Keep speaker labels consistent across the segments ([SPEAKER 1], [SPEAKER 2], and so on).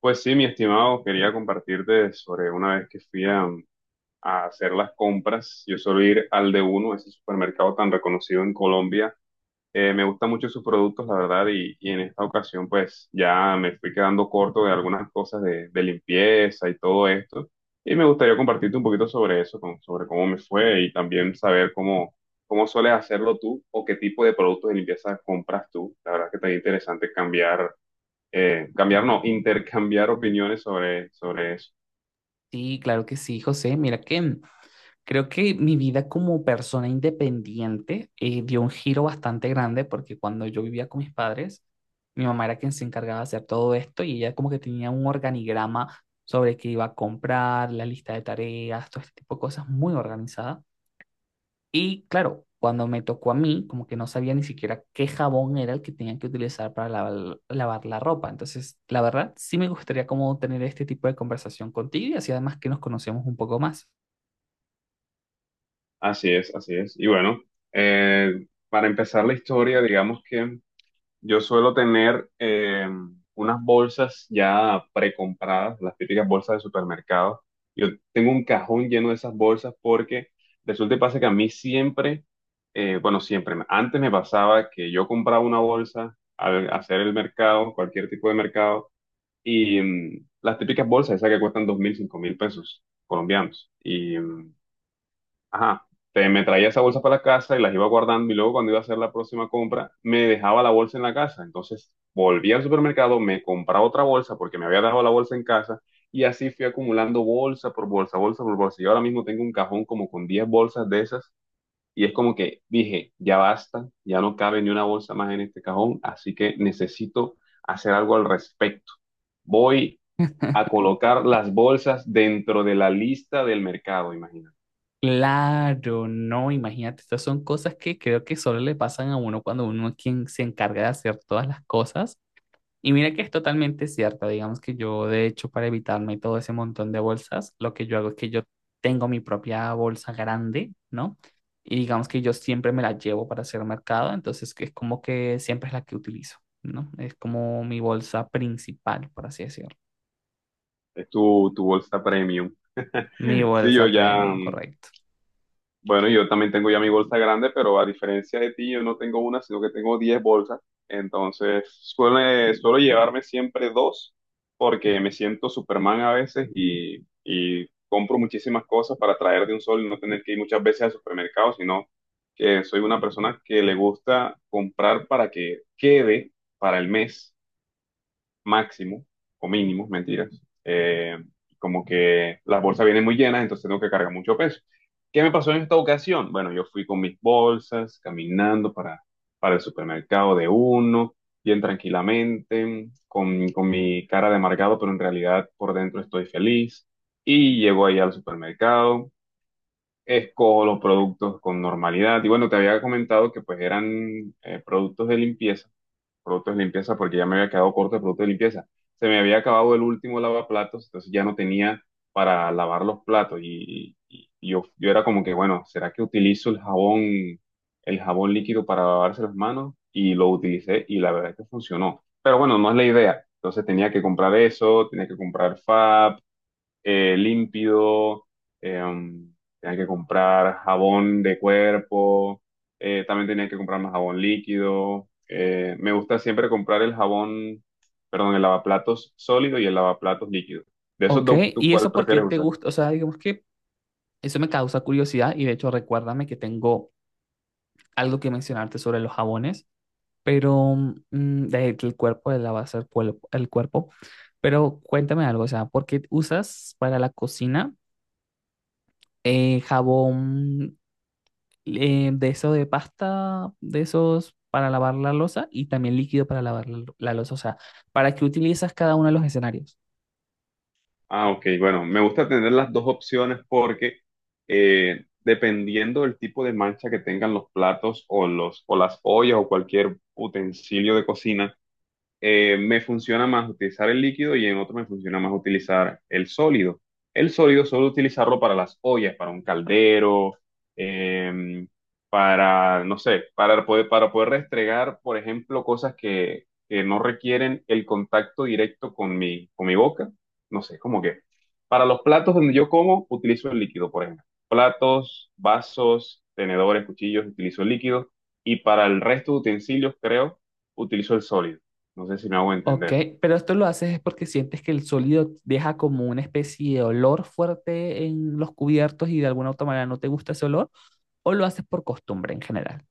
[SPEAKER 1] Pues sí, mi estimado, quería compartirte sobre una vez que fui a hacer las compras. Yo suelo ir al de uno, ese supermercado tan reconocido en Colombia. Me gustan mucho sus productos, la verdad, y en esta ocasión pues ya me fui quedando corto de algunas cosas de limpieza y todo esto. Y me gustaría compartirte un poquito sobre eso, sobre cómo me fue y también saber cómo sueles hacerlo tú o qué tipo de productos de limpieza compras tú. La verdad que está interesante cambiar, no, intercambiar opiniones sobre eso.
[SPEAKER 2] Sí, claro que sí, José. Mira que creo que mi vida como persona independiente dio un giro bastante grande porque cuando yo vivía con mis padres, mi mamá era quien se encargaba de hacer todo esto y ella como que tenía un organigrama sobre qué iba a comprar, la lista de tareas, todo este tipo de cosas muy organizada. Y claro, cuando me tocó a mí, como que no sabía ni siquiera qué jabón era el que tenía que utilizar para lavar la ropa. Entonces, la verdad, sí me gustaría como tener este tipo de conversación contigo y así además que nos conocemos un poco más.
[SPEAKER 1] Así es, así es. Y bueno, para empezar la historia, digamos que yo suelo tener unas bolsas ya precompradas, las típicas bolsas de supermercado. Yo tengo un cajón lleno de esas bolsas porque resulta y pasa que a mí siempre, bueno, siempre, antes me pasaba que yo compraba una bolsa al hacer el mercado, cualquier tipo de mercado. Y las típicas bolsas, esas que cuestan 2.000, 5.000 pesos colombianos. Y, ajá, me traía esa bolsa para la casa y las iba guardando y luego cuando iba a hacer la próxima compra, me dejaba la bolsa en la casa. Entonces volví al supermercado, me compraba otra bolsa porque me había dejado la bolsa en casa y así fui acumulando bolsa por bolsa, bolsa por bolsa. Y ahora mismo tengo un cajón como con 10 bolsas de esas y es como que dije, ya basta, ya no cabe ni una bolsa más en este cajón, así que necesito hacer algo al respecto. Voy a colocar las bolsas dentro de la lista del mercado, imagínate.
[SPEAKER 2] Claro, no, imagínate, estas son cosas que creo que solo le pasan a uno cuando uno es quien se encarga de hacer todas las cosas. Y mira que es totalmente cierto, digamos que yo de hecho para evitarme todo ese montón de bolsas, lo que yo hago es que yo tengo mi propia bolsa grande, ¿no? Y digamos que yo siempre me la llevo para hacer mercado, entonces que es como que siempre es la que utilizo, ¿no? Es como mi bolsa principal, por así decirlo.
[SPEAKER 1] Es tu bolsa premium.
[SPEAKER 2] Mi
[SPEAKER 1] Sí, yo
[SPEAKER 2] bolsa
[SPEAKER 1] ya,
[SPEAKER 2] premium, correcto.
[SPEAKER 1] bueno, yo también tengo ya mi bolsa grande, pero a diferencia de ti, yo no tengo una, sino que tengo 10 bolsas. Entonces, suelo llevarme siempre dos, porque me siento Superman a veces y compro muchísimas cosas para traer de un solo y no tener que ir muchas veces al supermercado, sino que soy una persona que le gusta comprar para que quede para el mes. Máximo o mínimo, mentiras. Eh, Como que las bolsas vienen muy llenas, entonces tengo que cargar mucho peso. ¿Qué me pasó en esta ocasión? Bueno, yo fui con mis bolsas, caminando para el supermercado de uno, bien tranquilamente, con mi cara de amargado, pero en realidad por dentro estoy feliz. Y llego ahí al supermercado, escojo los productos con normalidad. Y bueno, te había comentado que pues eran productos de limpieza. Porque ya me había quedado corto de productos de limpieza. Se me había acabado el último lavaplatos, entonces ya no tenía para lavar los platos y yo era como que, bueno, ¿será que utilizo el jabón líquido para lavarse las manos? Y lo utilicé y la verdad es que funcionó. Pero bueno, no es la idea. Entonces tenía que comprar eso, tenía que comprar Fab, Límpido, eh, tenía que comprar jabón de cuerpo, también tenía que comprar más jabón líquido. Me gusta siempre comprar el jabón, perdón, el lavaplatos sólido y el lavaplatos líquido. De esos
[SPEAKER 2] Ok,
[SPEAKER 1] dos, ¿tú
[SPEAKER 2] ¿y
[SPEAKER 1] cuál
[SPEAKER 2] eso por qué
[SPEAKER 1] prefieres
[SPEAKER 2] te
[SPEAKER 1] usar?
[SPEAKER 2] gusta? O sea, digamos que eso me causa curiosidad y de hecho recuérdame que tengo algo que mencionarte sobre los jabones. Pero mm, el cuerpo de la base el cuerpo, el cuerpo. Pero cuéntame algo, o sea, ¿por qué usas para la cocina jabón, de eso de pasta, de esos para lavar la loza y también líquido para lavar la loza? O sea, ¿para qué utilizas cada uno de los escenarios?
[SPEAKER 1] Ah, ok, bueno, me gusta tener las dos opciones porque dependiendo del tipo de mancha que tengan los platos o las ollas o cualquier utensilio de cocina, me funciona más utilizar el líquido y en otro me funciona más utilizar el sólido. El sólido solo utilizarlo para las ollas, para un caldero, eh, para, no sé, para poder restregar, por ejemplo, cosas que no requieren el contacto directo con mi boca. No sé, como que para los platos donde yo como, utilizo el líquido, por ejemplo. Platos, vasos, tenedores, cuchillos, utilizo el líquido. Y para el resto de utensilios, creo, utilizo el sólido. No sé si me hago
[SPEAKER 2] Ok,
[SPEAKER 1] entender.
[SPEAKER 2] pero esto lo haces es porque sientes que el sólido deja como una especie de olor fuerte en los cubiertos y de alguna otra manera no te gusta ese olor, o lo haces por costumbre en general.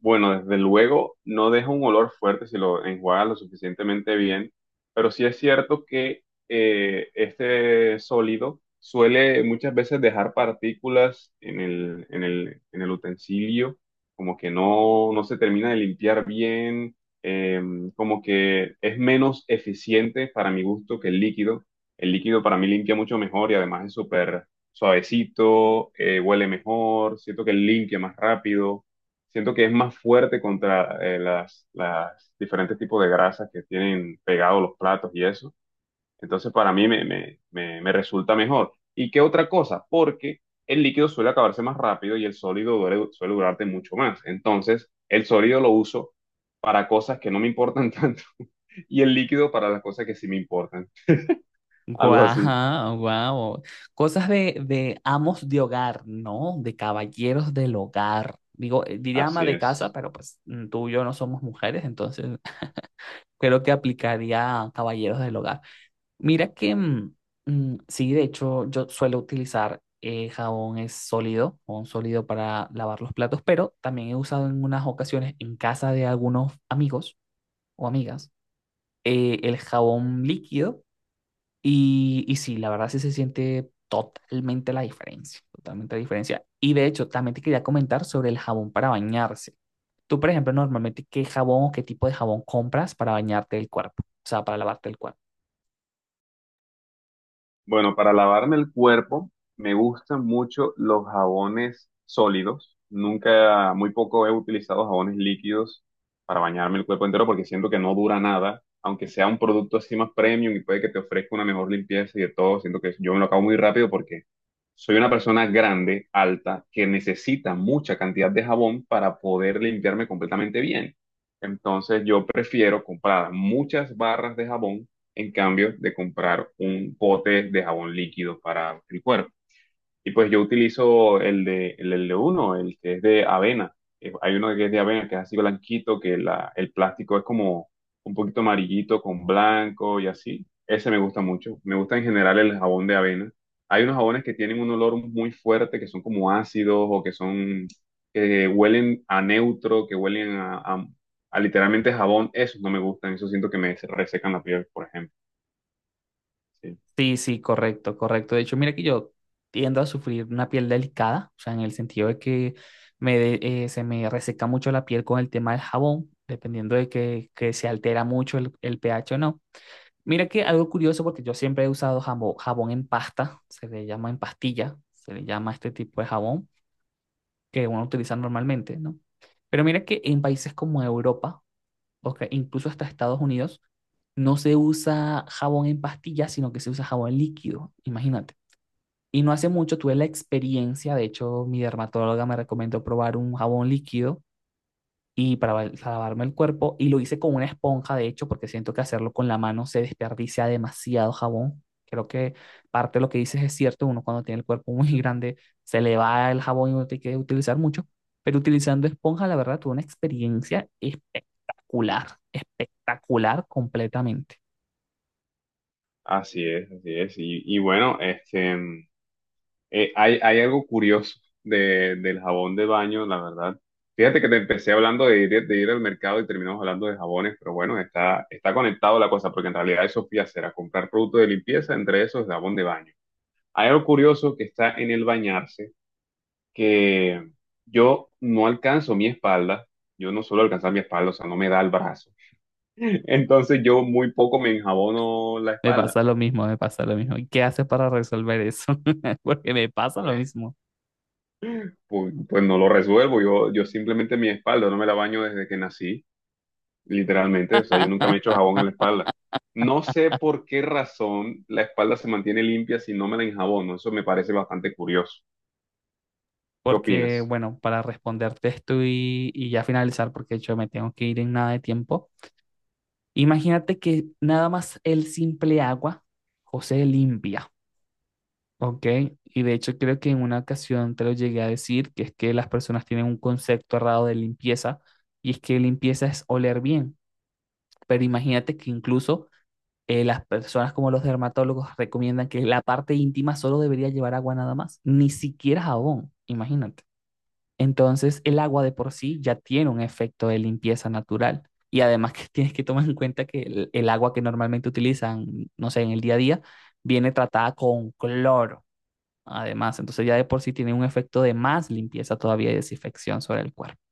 [SPEAKER 1] Bueno, desde luego no deja un olor fuerte si lo enjuagas lo suficientemente bien, pero sí es cierto que este sólido suele muchas veces dejar partículas en el utensilio, como que no se termina de limpiar bien, eh, como que es menos eficiente para mi gusto que el líquido. El líquido para mí limpia mucho mejor y además es súper suavecito, huele mejor, siento que limpia más rápido, siento que es más fuerte contra las diferentes tipos de grasas que tienen pegados los platos y eso. Entonces para mí me resulta mejor. ¿Y qué otra cosa? Porque el líquido suele acabarse más rápido y el sólido suele durarte mucho más. Entonces el sólido lo uso para cosas que no me importan tanto y el líquido para las cosas que sí me importan. Algo así.
[SPEAKER 2] Guau, guau. Cosas de amos de hogar, ¿no? De caballeros del hogar. Digo, diría ama
[SPEAKER 1] Así
[SPEAKER 2] de casa,
[SPEAKER 1] es.
[SPEAKER 2] pero pues mm, tú y yo no somos mujeres, entonces creo que aplicaría a caballeros del hogar. Mira que, mm, mm, sí, de hecho, yo suelo utilizar jabón es sólido, jabón sólido para lavar los platos, pero también he usado en unas ocasiones en casa de algunos amigos o amigas, el jabón líquido y sí, la verdad sí se siente totalmente la diferencia, totalmente la diferencia. Y de hecho, también te quería comentar sobre el jabón para bañarse. Tú, por ejemplo, normalmente, ¿qué jabón o qué tipo de jabón compras para bañarte el cuerpo? O sea, para lavarte el cuerpo.
[SPEAKER 1] Bueno, para lavarme el cuerpo me gustan mucho los jabones sólidos. Nunca, muy poco he utilizado jabones líquidos para bañarme el cuerpo entero porque siento que no dura nada. Aunque sea un producto así más premium y puede que te ofrezca una mejor limpieza y de todo, siento que yo me lo acabo muy rápido porque soy una persona grande, alta, que necesita mucha cantidad de jabón para poder limpiarme completamente bien. Entonces yo prefiero comprar muchas barras de jabón en cambio de comprar un pote de jabón líquido para el cuerpo. Y pues yo utilizo el de uno, el que es de avena. Hay uno que es de avena, que es así blanquito, que el plástico es como un poquito amarillito con blanco y así. Ese me gusta mucho. Me gusta en general el jabón de avena. Hay unos jabones que tienen un olor muy fuerte, que son como ácidos o que son, que huelen a neutro, que huelen a, literalmente jabón. Esos no me gustan, eso siento que me resecan la piel, por ejemplo. Sí,
[SPEAKER 2] Sí, sí, correcto, correcto. De hecho, mira que yo tiendo a sufrir una piel delicada, o sea, en el sentido de que se me reseca mucho la piel con el tema del jabón, dependiendo de que se altera mucho el pH o no. Mira que algo curioso, porque yo siempre he usado jabón en pasta, se le llama en pastilla, se le llama este tipo de jabón que uno utiliza normalmente, ¿no? Pero mira que en países como Europa, o que incluso hasta Estados Unidos, no se usa jabón en pastilla, sino que se usa jabón líquido, imagínate. Y no hace mucho tuve la experiencia, de hecho mi dermatóloga me recomendó probar un jabón líquido y para, lavarme el cuerpo y lo hice con una esponja, de hecho, porque siento que hacerlo con la mano se desperdicia demasiado jabón. Creo que parte de lo que dices es cierto, uno cuando tiene el cuerpo muy grande se le va el jabón y uno tiene que utilizar mucho, pero utilizando esponja, la verdad, tuve una experiencia espectacular, espectacular completamente.
[SPEAKER 1] así es, así es. Y bueno, este, hay algo curioso del jabón de baño, la verdad. Fíjate que te empecé hablando de ir al mercado y terminamos hablando de jabones, pero bueno, está conectado la cosa, porque en realidad eso fui a hacer, a comprar productos de limpieza, entre esos jabón de baño. Hay algo curioso que está en el bañarse, que yo no alcanzo mi espalda, yo no suelo alcanzar mi espalda, o sea, no me da el brazo. Entonces yo muy poco me enjabono la
[SPEAKER 2] Me
[SPEAKER 1] espalda
[SPEAKER 2] pasa lo mismo, me pasa lo mismo. ¿Y qué haces para resolver eso? Porque me pasa lo
[SPEAKER 1] pues.
[SPEAKER 2] mismo.
[SPEAKER 1] Pues no lo resuelvo. Yo simplemente mi espalda no me la baño desde que nací, literalmente. O sea, yo nunca me he hecho jabón en la espalda. No sé por qué razón la espalda se mantiene limpia si no me la enjabono. Eso me parece bastante curioso. ¿Qué
[SPEAKER 2] Porque,
[SPEAKER 1] opinas?
[SPEAKER 2] bueno, para responderte esto y ya finalizar, porque de hecho me tengo que ir en nada de tiempo, imagínate que nada más el simple agua, José limpia, ¿ok? Y de hecho creo que en una ocasión te lo llegué a decir, que es que las personas tienen un concepto errado de limpieza, y es que limpieza es oler bien, pero imagínate que incluso las personas como los dermatólogos recomiendan que la parte íntima solo debería llevar agua nada más, ni siquiera jabón, imagínate. Entonces, el agua de por sí ya tiene un efecto de limpieza natural. Y además que tienes que tomar en cuenta que el agua que normalmente utilizan, no sé, en el día a día, viene tratada con cloro. Además, entonces ya de por sí tiene un efecto de más limpieza todavía y desinfección sobre el cuerpo.